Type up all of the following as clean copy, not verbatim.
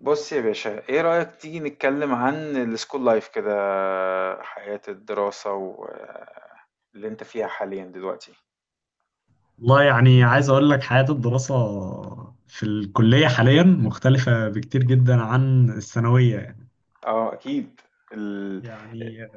بص يا باشا، ايه رأيك تيجي نتكلم عن السكول لايف كده؟ حياة الدراسة واللي انت فيها حاليا دلوقتي. والله، يعني عايز أقول لك، حياة الدراسة في الكلية حاليا مختلفة بكتير جدا عن الثانوية. اه، اكيد. ال- يعني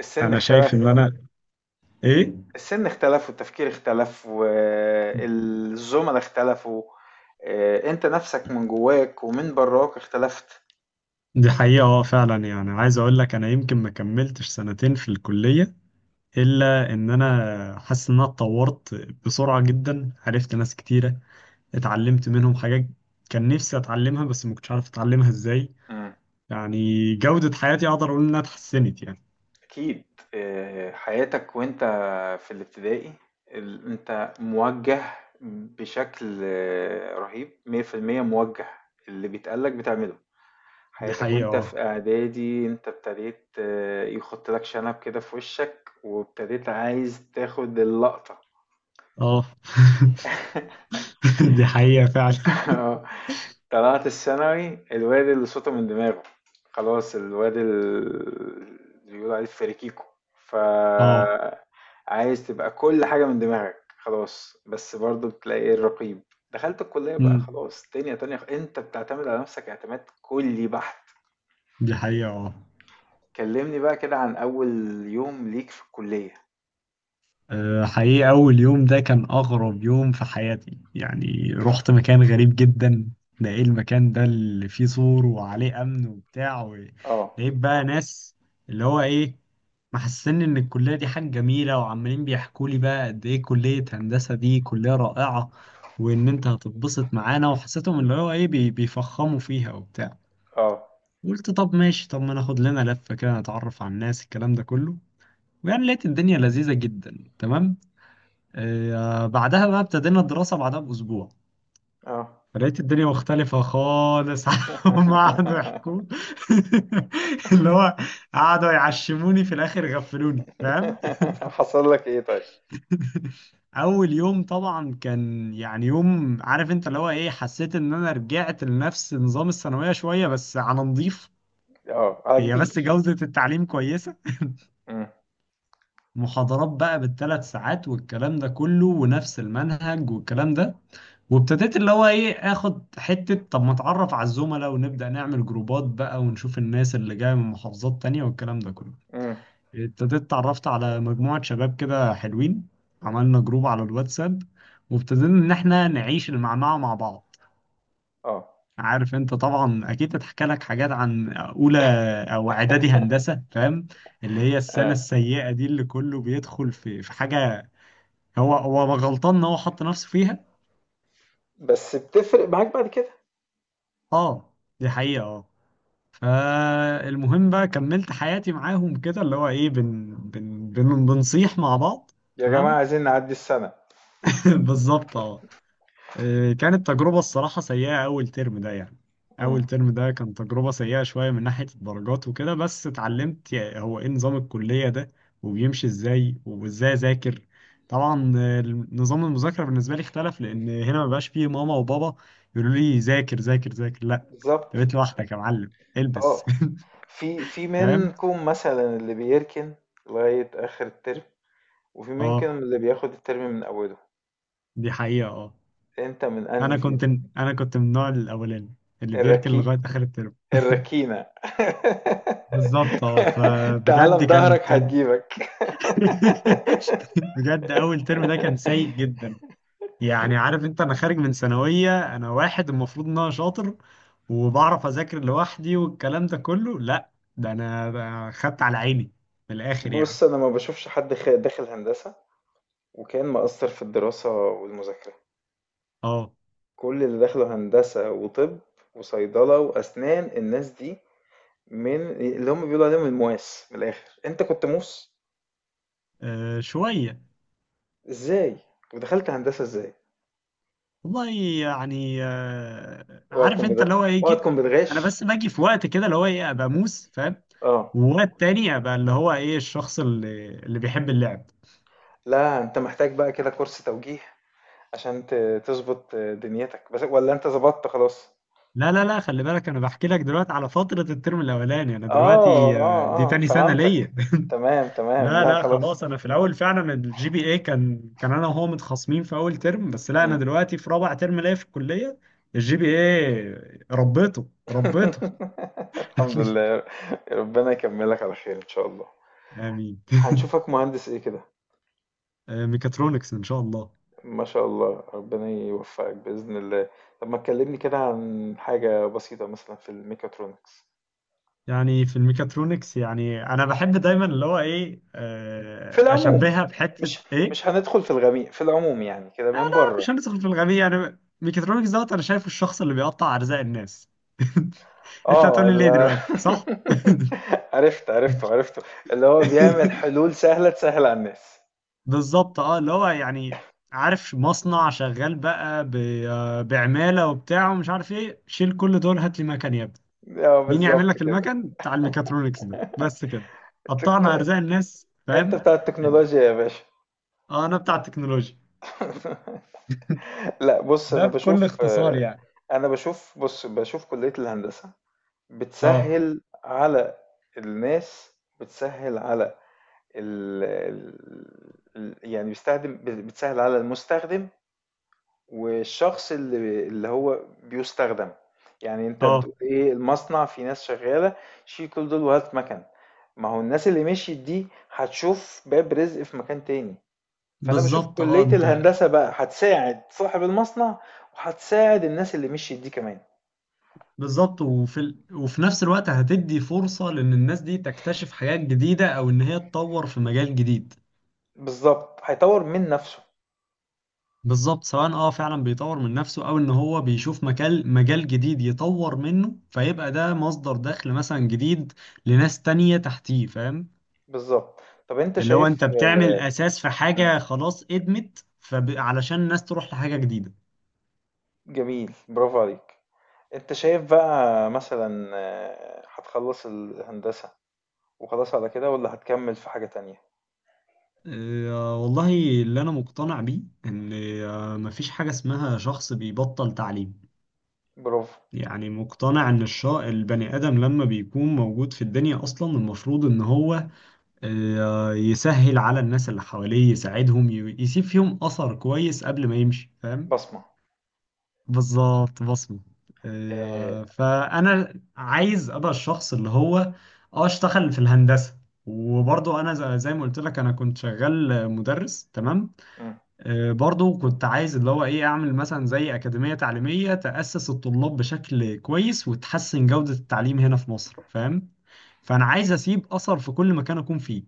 السن أنا شايف إن اختلف أنا إيه. السن اختلف والتفكير اختلف والزملاء اختلفوا. انت نفسك من جواك ومن براك اختلفت. دي حقيقة، اه، فعلا. يعني عايز أقول لك، أنا يمكن ما كملتش سنتين في الكلية إلا إن أنا حاسس إن أنا اتطورت بسرعة جدا. عرفت ناس كتيرة، اتعلمت منهم حاجات كان نفسي أتعلمها، بس ما كنتش عارف أتعلمها إزاي يعني. جودة حياتي أقدر أقول إنها اتحسنت يعني. أكيد. حياتك وأنت في الابتدائي، أنت موجه بشكل رهيب 100%، موجه، اللي بيتقالك بتعمله. دي حياتك وأنت حقيقة، في إعدادي، أنت ابتديت يخط لك شنب كده في وشك، وابتديت عايز تاخد اللقطة. اه، اه. دي حقيقة فعلا. طلعت الثانوي، الواد اللي صوته من دماغه، خلاص، الواد اللي بيقولوا عليه فريكيكو، ف اه. عايز تبقى كل حاجة من دماغك خلاص، بس برضو بتلاقي ايه؟ الرقيب. دخلت الكلية بقى، أمم. خلاص دنيا تانية، انت بتعتمد على نفسك اعتماد كلي بحت. دي حقيقة، اه. كلمني بقى كده عن أول يوم ليك في الكلية. حقيقة، أول يوم ده كان أغرب يوم في حياتي، يعني رحت مكان غريب جدا. ده إيه المكان ده اللي فيه سور وعليه أمن وبتاع. اه، لقيت بقى ناس، اللي هو إيه محسسني إن الكلية دي حاجة جميلة، وعمالين بيحكوا لي بقى قد إيه كلية هندسة دي كلية رائعة، وإن أنت هتتبسط معانا، وحسيتهم اللي هو إيه بيفخموا فيها وبتاع. اه، قلت طب ماشي، طب ما ناخد لنا لفة كده نتعرف على الناس الكلام ده كله، ويعني لقيت الدنيا لذيذة جدا تمام. بعدها بقى ابتدينا الدراسة بعدها بأسبوع، اه. فلقيت الدنيا مختلفة خالص عن، هما قعدوا يحكوا. اللي هو قعدوا يعشموني في الآخر، غفلوني فاهم. حصل لك ايه طيب؟ أول يوم طبعا كان يعني يوم، عارف أنت اللي هو إيه حسيت إن أنا رجعت لنفس نظام الثانوية شوية، بس على نضيف. اه، على هي بس كبير. جودة التعليم كويسة، امم. محاضرات بقى بالـ3 ساعات والكلام ده كله ونفس المنهج والكلام ده. وابتديت اللي هو ايه اخد حتة، طب ما اتعرف على الزملاء ونبدأ نعمل جروبات بقى ونشوف الناس اللي جاية من محافظات تانية والكلام ده كله. امم. ابتديت اتعرفت على مجموعة شباب كده حلوين، عملنا جروب على الواتساب، وابتدينا ان احنا نعيش المعمعة مع بعض. اه. عارف انت طبعا اكيد اتحكى لك حاجات عن اولى او اعدادي هندسة فاهم، اللي هي السنة آه. السيئة دي اللي كله بيدخل في حاجة، هو هو غلطان ان هو حط نفسه فيها. بس بتفرق معاك بعد كده. اه دي حقيقة، اه. فالمهم بقى كملت حياتي معاهم كده، اللي هو ايه بن بن بن بنصيح مع بعض. يا جماعة تمام. عايزين نعدي السنة. بالظبط، اه. كانت تجربة الصراحة سيئة أول ترم ده يعني. مم. أول ترم ده كان تجربة سيئة شوية من ناحية الدرجات وكده، بس اتعلمت هو إيه نظام الكلية ده وبيمشي إزاي وإزاي أذاكر. طبعا نظام المذاكرة بالنسبة لي اختلف، لأن هنا مبقاش فيه ماما وبابا يقولوا لي ذاكر ذاكر ذاكر، لأ. أنت بالظبط، بقيت لوحدك يا معلم البس. اه. في في فاهم؟ منكم مثلا اللي بيركن لغاية آخر الترم، وفي منكم أه، اللي بياخد الترم من أوله. دي حقيقة، أه. أنت من أنهي أنا كنت فيهم؟ أنا كنت من النوع الأولاني اللي بيركن الركي، لغاية آخر الترم. الركينة. بالظبط، اه. تعالى فبجد كان بظهرك كان هتجيبك. بجد، اول ترم ده كان سيء جدا. يعني عارف انت، انا خارج من ثانويه انا واحد المفروض ان انا شاطر وبعرف اذاكر لوحدي والكلام ده كله، لا ده انا ده خدت على عيني من الاخر يعني. بص، أنا ما بشوفش حد داخل هندسة وكان مقصر في الدراسة والمذاكرة. اه، كل اللي دخلوا هندسة وطب وصيدلة وأسنان، الناس دي من اللي هم بيقولوا عليهم المواس. من الآخر أنت كنت موس، شويه. إزاي؟ ودخلت هندسة إزاي؟ والله يعني اوعى عارف تكون انت بت... اللي هو ايه اوعى جيت. تكون انا بتغش. بس باجي في وقت كده اللي هو ايه ابقى موس فاهم، اه، ووقت تاني ابقى اللي هو ايه الشخص اللي بيحب اللعب. لا، أنت محتاج بقى كده كورس توجيه عشان تظبط دنيتك، بس ولا أنت ظبطت خلاص؟ لا لا لا، خلي بالك انا بحكي لك دلوقتي على فترة الترم الاولاني، انا اه، دلوقتي دي اه، اه، تاني سنة ليا. فهمتك. تمام، تمام. لا لا لا، خلاص. خلاص انا في الاول فعلا الـGPA كان انا وهو متخاصمين في اول ترم بس. لا انا مم. دلوقتي في رابع ترم ليا في الكلية، الـGPA ربيته ربيته. الحمد لله. ربنا يكملك على خير إن شاء الله. امين. هنشوفك مهندس ايه كده؟ ميكاترونكس ان شاء الله. ما شاء الله، ربنا يوفقك بإذن الله. طب ما تكلمني كده عن حاجة بسيطة مثلا في الميكاترونكس، يعني في الميكاترونكس، يعني انا بحب دايما اللي هو ايه في العموم، اشبهها بحتة مش ايه. مش هندخل في الغميق، في العموم يعني كده من بره. مش هندخل في الغبية يعني، ميكاترونكس دوت، انا شايف الشخص اللي بيقطع ارزاق الناس. انت اه، هتقولي ليه لا. دلوقتي، صح؟ عرفت، عرفته، عرفته، اللي هو بيعمل حلول سهلة تسهل على الناس. بالظبط، اه. اللي هو يعني، عارف مصنع شغال بقى بعمالة وبتاع، ومش عارف ايه، شيل كل دول هات لي مكن يا ابني. اه، مين بالظبط يعمل لك كده. المكن بتاع الميكاترونكس ده بس كده. قطعنا تكنو... ارزاق الناس انت فاهم. بتاع التكنولوجيا يا باشا. اه انا بتاع التكنولوجيا. لا، بص، ده انا بكل بشوف اختصار آه، يعني. انا بشوف بص بشوف كلية الهندسة اه، بتسهّل على الناس، بتسهّل على ال ال يعني بيستخدم، بتسهّل على المستخدم والشخص اللي هو بيُستخدم، يعني أنت بتقول اه، إيه؟ المصنع فيه ناس شغّالة، شيل كل دول وهات مَكَن، ما هو الناس اللي مشيت دي هتشوف باب رزق في مكان تاني، فأنا باشوف بالظبط، اه، كلية انت. الهندسة بقى هتساعد صاحب المصنع وهتساعد الناس اللي مشيت دي كمان، بالظبط وفي نفس الوقت هتدي فرصة لان الناس دي تكتشف حاجات جديدة، او ان هي تطور في مجال جديد. بالضبط، هيطوّر من نَفْسه. بالظبط، سواء اه فعلا بيطور من نفسه، او ان هو بيشوف مجال جديد يطور منه، فيبقى ده مصدر دخل مثلا جديد لناس تانية تحتيه فاهم. بالظبط. طب انت اللي هو انت شايف بتعمل اساس في مم. حاجة خلاص ادمت، فعلشان الناس تروح لحاجة جديدة. جميل، برافو عليك. انت شايف بقى مثلا هتخلص الهندسة وخلاص على كده، ولا هتكمل في حاجة تانية؟ والله، اللي انا مقتنع بيه، ان مفيش حاجة اسمها شخص بيبطل تعليم. برافو. يعني مقتنع ان البني ادم لما بيكون موجود في الدنيا اصلا المفروض ان هو يسهل على الناس اللي حواليه، يساعدهم، يسيب فيهم أثر كويس قبل ما يمشي فاهم. بصمة. بالظبط، بصمة. آه. فأنا عايز أبقى الشخص اللي هو، اه اشتغل في الهندسة، وبرضه أنا زي ما قلت لك أنا كنت شغال مدرس تمام. مم. برضه كنت عايز اللي هو إيه أعمل مثلا زي أكاديمية تعليمية تأسس الطلاب بشكل كويس وتحسن جودة التعليم هنا في مصر فاهم. فأنا عايز أسيب أثر في كل مكان أكون فيه،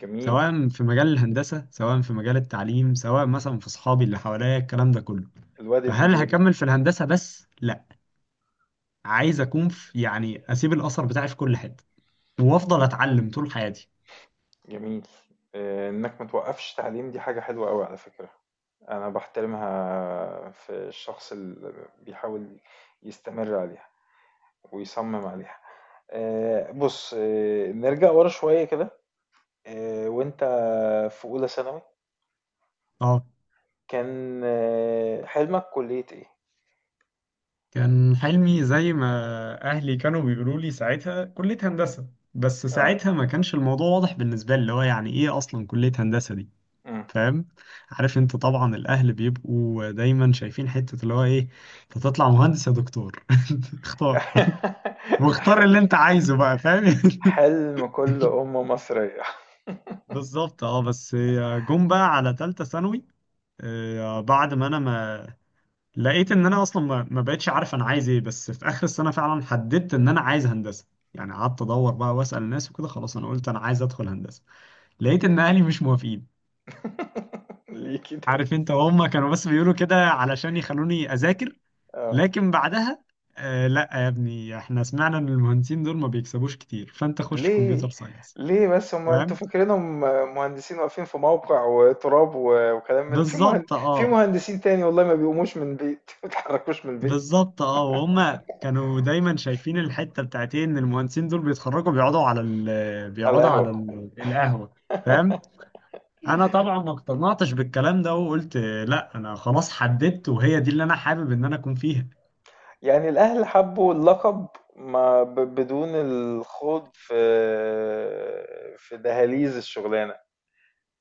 جميل. سواء في مجال الهندسة، سواء في مجال التعليم، سواء مثلا في صحابي اللي حواليا الكلام ده كله. الواد فهل الإيجابي. هكمل في الهندسة بس؟ لا، عايز أكون في، يعني أسيب الأثر بتاعي في كل حتة، وأفضل أتعلم طول حياتي. جميل. انك متوقفش تعليم، دي حاجة حلوة قوي على فكرة. انا بحترمها في الشخص اللي بيحاول يستمر عليها ويصمم عليها. بص، نرجع ورا شوية كده. وانت في اولى ثانوي اه. كان حلمك كلية ايه؟ كان حلمي زي ما أهلي كانوا بيقولوا لي ساعتها كلية هندسة، بس اه. ساعتها ما كانش الموضوع واضح بالنسبة لي، اللي هو يعني إيه أصلا كلية هندسة دي. مم. فاهم؟ عارف أنت طبعا الأهل بيبقوا دايما شايفين حتة اللي هو إيه أنت تطلع مهندس يا دكتور. اختار، واختار اللي انت عايزه بقى فاهم. حلم كل ام مصرية. بالظبط، اه. بس جم بقى على تالتة ثانوي، بعد ما انا ما لقيت ان انا اصلا ما بقتش عارف انا عايز ايه، بس في اخر السنة فعلا حددت ان انا عايز هندسة. يعني قعدت ادور بقى واسأل الناس وكده، خلاص انا قلت انا عايز ادخل هندسة. لقيت ان اهلي مش موافقين. ليه كده؟ عارف انت هم كانوا بس بيقولوا كده علشان يخلوني اذاكر، اه. لكن بعدها، لا يا ابني احنا سمعنا ان المهندسين دول ما بيكسبوش كتير، فانت خش ليه، كمبيوتر ساينس. ليه بس هم؟ انتوا فاهم؟ فاكرينهم مهندسين واقفين في موقع وتراب وكلام في بالظبط، في اه. مهندسين تاني والله ما بيقوموش من البيت. ما بيتحركوش من البيت. بالظبط، اه. وهم كانوا دايما شايفين الحته بتاعت ايه، ان المهندسين دول بيتخرجوا على بيقعدوا على القهوة. ال القهوه فاهم. انا طبعا ما اقتنعتش بالكلام ده، وقلت لا، انا خلاص حددت وهي دي اللي انا حابب ان انا اكون فيها. يعني الأهل حبوا اللقب، ما بدون الخوض في دهاليز الشغلانة.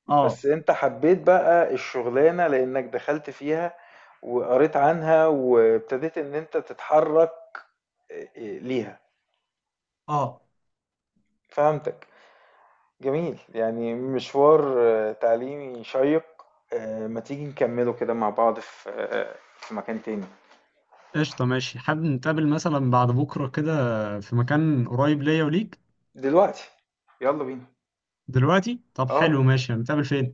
اه، بس انت حبيت بقى الشغلانة لأنك دخلت فيها وقريت عنها وابتديت ان انت تتحرك ليها. اه. فهمتك. جميل، يعني مشوار تعليمي شيق. ما تيجي نكمله كده مع بعض في مكان تاني؟ قشطه ماشي، حابب نتقابل مثلا بعد بكره كده في مكان قريب ليا وليك. دلوقتي. يلا بينا. دلوقتي؟ طب اه، حلو ماشي، هنتقابل فين؟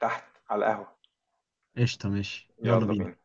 تحت، على القهوة. قشطه ماشي، يلا يلا بينا. بينا.